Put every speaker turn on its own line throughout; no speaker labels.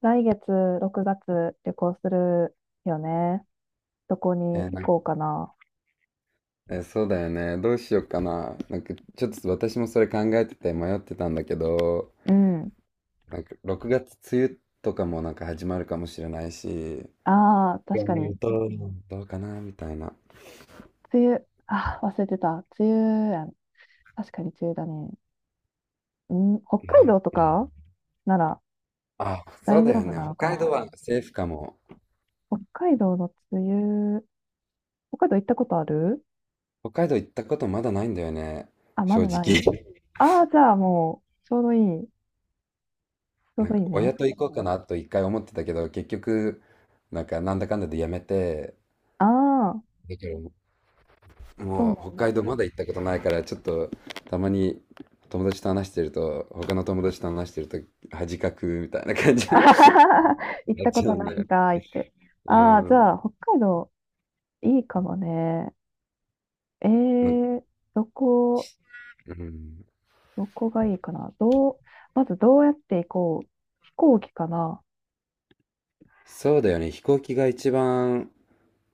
来月6月旅行するよね。どこ
え
に
ー
行
なん
こうかな。
えーそうだよね。どうしようかな。なんか、ちょっと私もそれ考えてて迷ってたんだけど、
うん。
なんか、6月梅雨とかもなんか始まるかもしれないし、
ああ、
い
確
や
か
ね、
に。
どうかなみたいな。
梅雨。ああ、忘れてた。梅雨やん。確かに梅雨だね。うん、北
な
海
ん
道
か
と
うん
かなら
あ、そ
大
う
丈
だよ
夫
ね。
なのか
北海道
な。
はセーフかも。
北海道の梅雨。北海道行ったことある？
北海道行ったことまだないんだよね。
あ、ま
正
だな
直。
い。ああ、じゃあもう、ちょうどいい。ちょう
なん
どい
か、
い
親
ね。
と行こうかなと一回思ってたけど、結局、なんか、なんだかんだでやめて、
ああ、
だけど
そう
も
な
う
ん
北海
だ。
道まだ行ったことないから、ちょっと、たまに友達と話してると、他の友達と話してると恥かくみたいな感 じ
あ
に
ははは。 行っ
なっ
たこ
ちゃ
と
うん
な
だ
いん
よね。
かいって。
う
ああ、じ
ん。
ゃあ、北海道いいかもね。え
なんか、
ー、どこ、
うん。
どこがいいかな。どう、まずどうやって行こう。飛行機かな。
そうだよね。飛行機が一番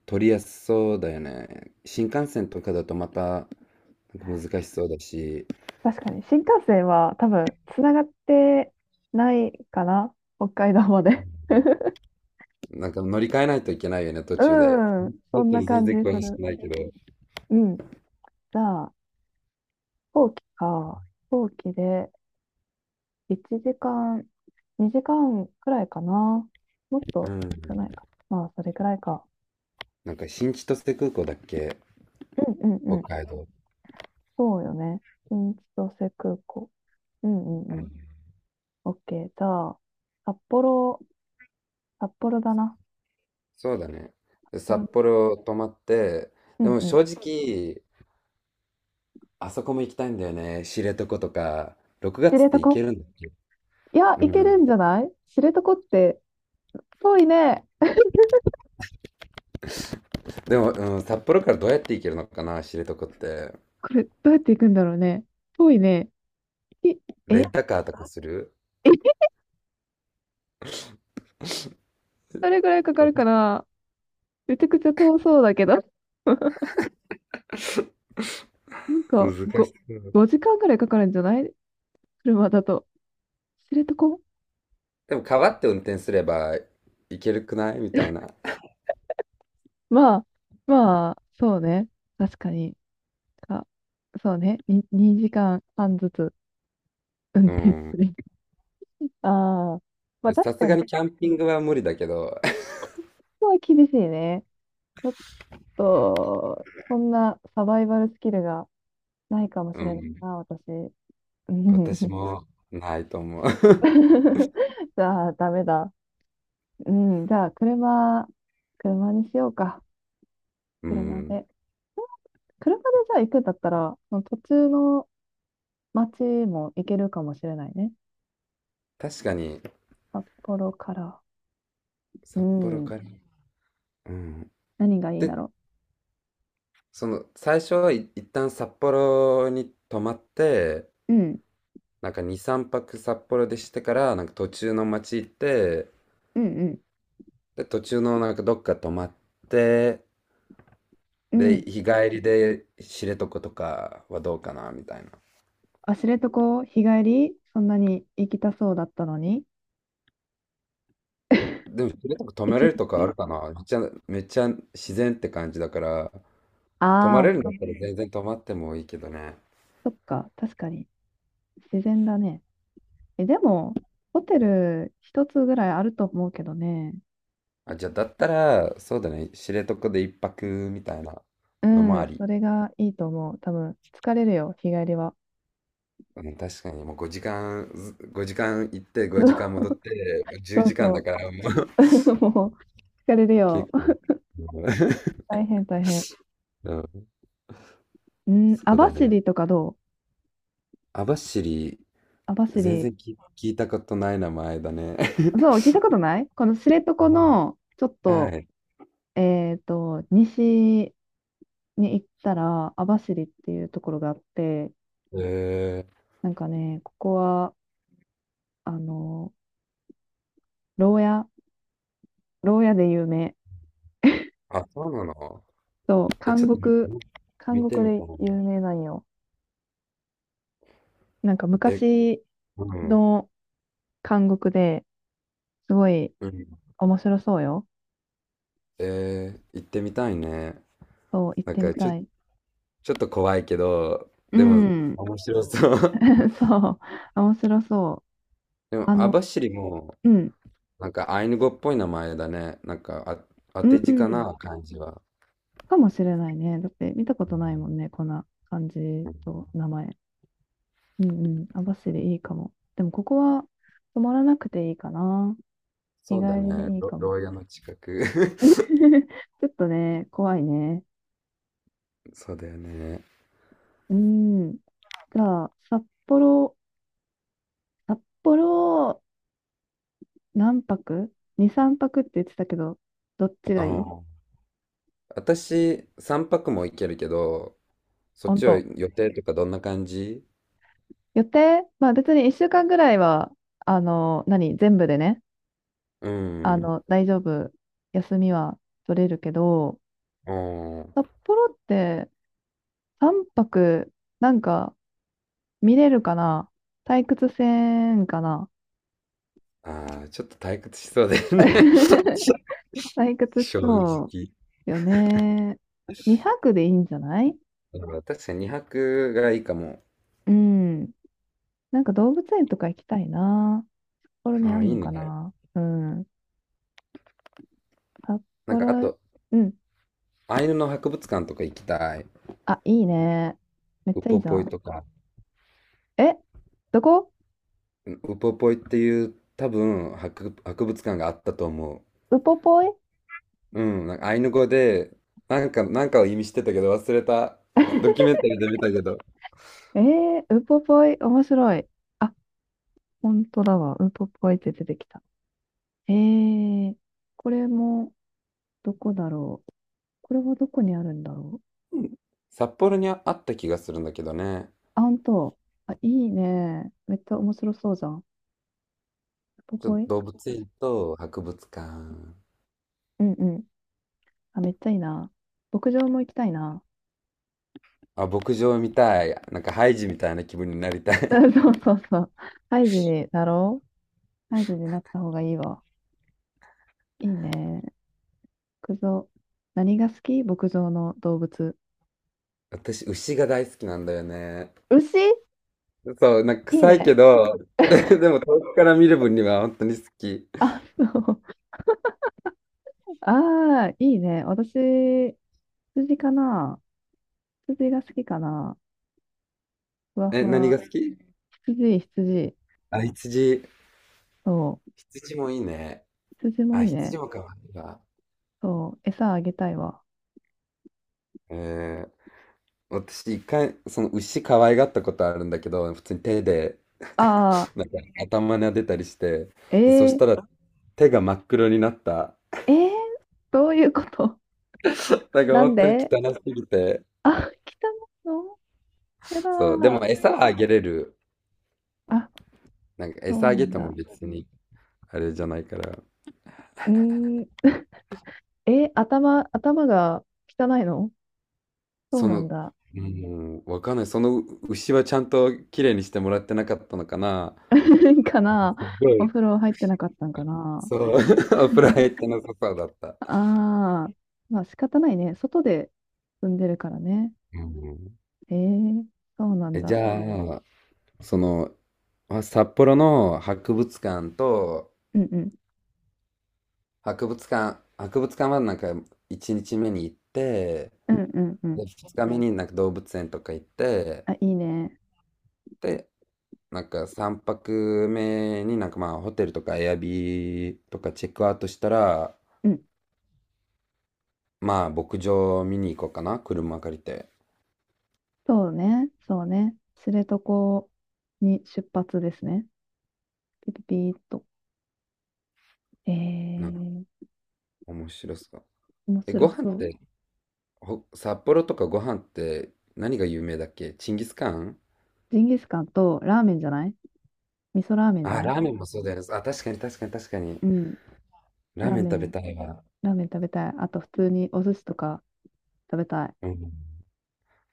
取りやすそうだよね。新幹線とかだとまたなんか難しそうだし、
確かに、新幹線は多分、つながってないかな。北海道まで。
なんか乗り換えないといけないよね、途 中で。
うん、そ
本
ん
当
な
に全
感じ
然
す
詳しく
る。
ないけど。
うん。じゃあ、飛行機か。飛行機で1時間、2時間くらいかな。もっ
う
と
ん。
少ないか。まあ、それくらいか。
なんか新千歳空港だっけ、
うんうん
北
うん。
海道。
そうよね。新千歳空港。うんうんうん。オッケー。じゃあ、札幌、札幌だな。
そうだね。
札
で札
幌、
幌泊まって、
う
で
ん
も
うん。
正直、あそこも行きたいんだよね。知床とか、6
知
月って行け
床、
るんだ。
いや、
う
行ける
ん。
んじゃない知床って。遠いね。
でも、うん、札幌からどうやって行けるのかな、知床って。
これ、どうやって行くんだろうね。遠いね。いえ、
レ
え、
ンタカーとかする？
どれぐらいかかるかな。めちゃくちゃ遠そうだけど。なんか、
難
5、
しそう。
5時間ぐらいかかるんじゃない、車だと。知床。
でも、川って運転すれば行けるくないみたいな。
まあ、まあ、そうね。確かに。あ、そうね。に2時間半ずつ運
う
転す
ん。
る。ああ、まあ
さ
確
す
か
が
に、
にキャンピングは無理だけど、
ごは厳しいね。ちょっと、そんなサバイバルスキルがないかもし
う
れない
ん。
な、私。うん。
私 もないと思う。
じゃあ、ダメだ。うん、じゃあ、車、車にしようか。
う
車
ん。
で。車でじゃあ行くんだったら、その途中の街も行けるかもしれないね。
確かに、
札幌から。う
札幌
ん、
から。うん。
何がいいだ
で、
ろ
その最初はい一旦札幌に泊まって、
う。うん、
なんか2、3泊札幌でしてからなんか途中の町行って、
うん、
で途中のなんかどっか泊まって、
うん。うん。
で日帰りで知床とかはどうかなみたいな。
あ、知床、日帰り、そんなに行きたそうだったのに。
でも知床泊
一
めれるとかあ
日、
るかな。めっちゃめっちゃ自然って感じだから、泊ま
あ
れるんだ
あ、
っ
そ、
たら全然泊まってもいいけどね。
そっか、確かに、自然だね。え、でも、ホテル一つぐらいあると思うけどね。
あ、じゃあだったらそうだね、知床で一泊みたいな
う
のもあ
ん、
り。
それがいいと思う。多分、疲れるよ、日帰りは。
うん、確かにもう5時間、ず5時間行って5時間 戻って、もう10
そう
時間
そ
だ
う。
からもう
もう、疲れる よ。
結構、う
大変、大変。
ん、うん。
うん、
そう
網
だね。
走とかどう？
網走、
網
全
走。
然聞いたことない名前だね。
そう、聞い たことないこの知床
うん、
の、ちょっ
は
と、
い。
西に行ったら、網走っていうところがあって、
え
なんかね、ここは、あの牢屋、牢屋で有名。
あ、そうなの？
そう、
え、
監
ちょっと
獄、監
見て
獄
みた
で
いな。
有名なんよ。なんか
え、
昔
うん、
の監獄で、すごい
うん。
面白そうよ。
行ってみたいね。
そう、行っ
なん
てみ
かちょ、
たい。
ちょっと怖いけど、
う
でも
ん。
面白そう。
そう、面白そう。
でも
あ
網
の、
走も、
うん、
なんかアイヌ語っぽい名前だね。なんか、あ、当
う
て字か
ん、
な、感じは。
かもしれないね。だって見たことないもんね、こんな感じと名前。うんうん、網走いいかも。でもここは泊まらなくていいかな。日
そうだ
帰り
ね。
でいい
ろ
かも。
牢屋の近く。
ちょっとね、怖いね。
そうだよね。
うん。じゃあ、札幌、札幌、何泊？ 2、3泊って言ってたけど、どっち
あ
がいい？
ー私、3泊も行けるけど、そっ
本
ちは
当。
予定とかどんな感じ？
予定まあ別に1週間ぐらいは、何全部でね、
うん。
大丈夫。休みは取れるけど、
おー
札幌って3泊、なんか見れるかな。退屈せんかな。
ああ、ちょっと退屈しそうだよね。
退 屈し
正
そ
直。
うよね。2泊でいいんじゃない？
うん、確かに2泊がいいかも。
うん。なんか動物園とか行きたいな。札幌に
あ
あ
あ、い
ん
い
のか
ね。
な。うん。札
なんかあ
幌、
と、
うん。
アイヌの博物館とか行きたい。
あ、いいね。めっ
ウ
ちゃいい
ポ
じゃ
ポイ
ん。
とか。
え、どこ？
ウポポイっていう多分博物館があったと思
ウポポイ、
う。うん、なんかアイヌ語で、なんか、なんかを意味してたけど忘れた。ドキュメンタリーで見たけど。
えー、ウポポイ、面白い。あ、本当だわ。ウポポイって出てきた。えー、これも、どこだろう。これはどこにあるんだろう。
札幌にあった気がするんだけどね。
あ、本当。あ、いいね。めっちゃ面白そうじゃん。ウポ
ちょっ
ポ
と
イ、
動物園と博物館。
うんうん。あ、めっちゃいいな。牧場も行きたいな。
あ、牧場みたい。なんかハイジみたいな気分になりた
う
い。
んそうそうそう。ハイジになろう。ハイジになった方がいいわ。いいね。牧場。何が好き、牧場の動物。
私、牛が大好きなんだよね。
牛、
そう、なんか
いい
臭いけ
ね。
ど、でも遠くから見る分には本当に好き。
あ、そう。ああ、いいね。私、羊かな。羊が好きかな。ふわふ
え、何
わ。
が好き？
羊、羊。
あ、羊。
そう。
羊もいいね。
羊も
あ、
いいね。
羊も可愛いわ。
そう。餌あげたいわ。
えー、私一回、その牛可愛がったことあるんだけど、普通に手で、
ああ、
なんか頭撫でたりして、で、そし
え
たら手が真っ黒になった。
ー、えー、どういうこと？
なんか
なん
本当に
で？
汚すぎて。
あ、来たの？やだ
そう、でも
ー。
餌はあげれる。
あ、
なんか
そ
餌
う
あ
な
げ
ん
ても
だ。
別にあれじゃないから。
うーん、え、頭、頭が汚いの？そう
そ
な
の、
んだ。
うん、わかんない。その牛はちゃんと綺麗にしてもらってなかったのかな。
かな。
すご
お
い。
風呂入ってなかったんかな。
そう、お風呂入ってなさそうだった。
ああー、まあ仕方ないね。外で住んでるからね。
うん、
えー、そうなん
え、じ
だ。
ゃあ、その、まあ札幌の博物館と、
うんうん。
博物館はなんか1日目に行って、
うんうんうん。
で、2日目になんか動物園とか行って、
あ、いいね。
で、なんか3泊目になんかまあホテルとかエアビーとかチェックアウトしたら、
うん。
まあ牧場見に行こうかな、車借りて。
そうね。そうね。知床に出発ですね。ピピピーっと。え
なんか
ー、
面白そう。
面
え、
白
ご飯
そ
っ
う。
て、札幌とかご飯って何が有名だっけ？チンギスカン？
ジンギスカンとラーメンじゃない？味噌ラーメンじゃ
あ、
ない？
ラーメンもそうだよね。あ、確かに確かに確かに。
うん。
ラ
ラ
ー
ー
メン
メ
食べ
ン。
たいわ。
ラーメン食べたい。あと普通にお寿司とか食べたい。
うん。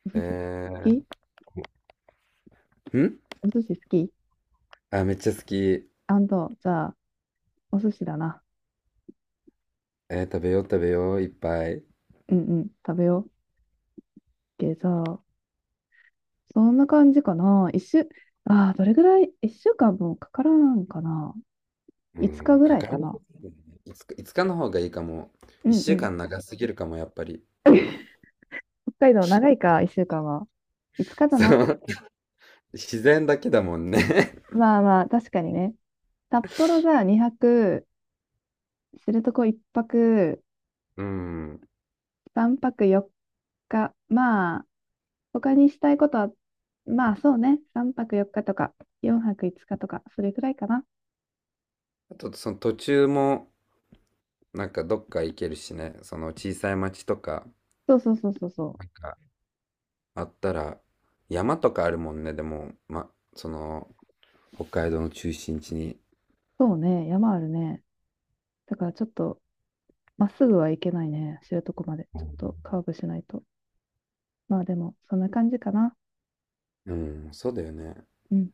お寿司好き？
えー、ん
お寿司好き？
あ、めっちゃ好き。
アンド、じゃあ、お寿司だな。
食べよう食べよう、いっぱい。
うんうん、食べよう。でじゃあ、そんな感じかな。一週、ああ、どれぐらい、一週間もかからんかな。
う
5日
ん、
ぐ
か
ら
か
い
ら
か
んと
な。
すぎるね。いつか、いつかの方がいいかも。
う
一
んう
週
ん。
間長すぎるかも、やっぱり。
北海道長いか、1週間は。5日だ
そ
な。
う。自然だけだもんね。
まあまあ、確かにね。札幌が2泊、知床1泊、
うん。
3泊4日。まあ、他にしたいことは、まあそうね、3泊4日とか、4泊5日とか、それくらいかな。
あと、その途中も、なんかどっか行けるしね。その小さい町とか
そうそうそうそうそう。
があったら、山とかあるもんね。でも、ま、その、北海道の中心地に。
そうね、山あるね。だからちょっと、まっすぐは行けないね、知床まで。ちょっとカーブしないと。まあでも、そんな感じかな。
うん、そうだよね。
うん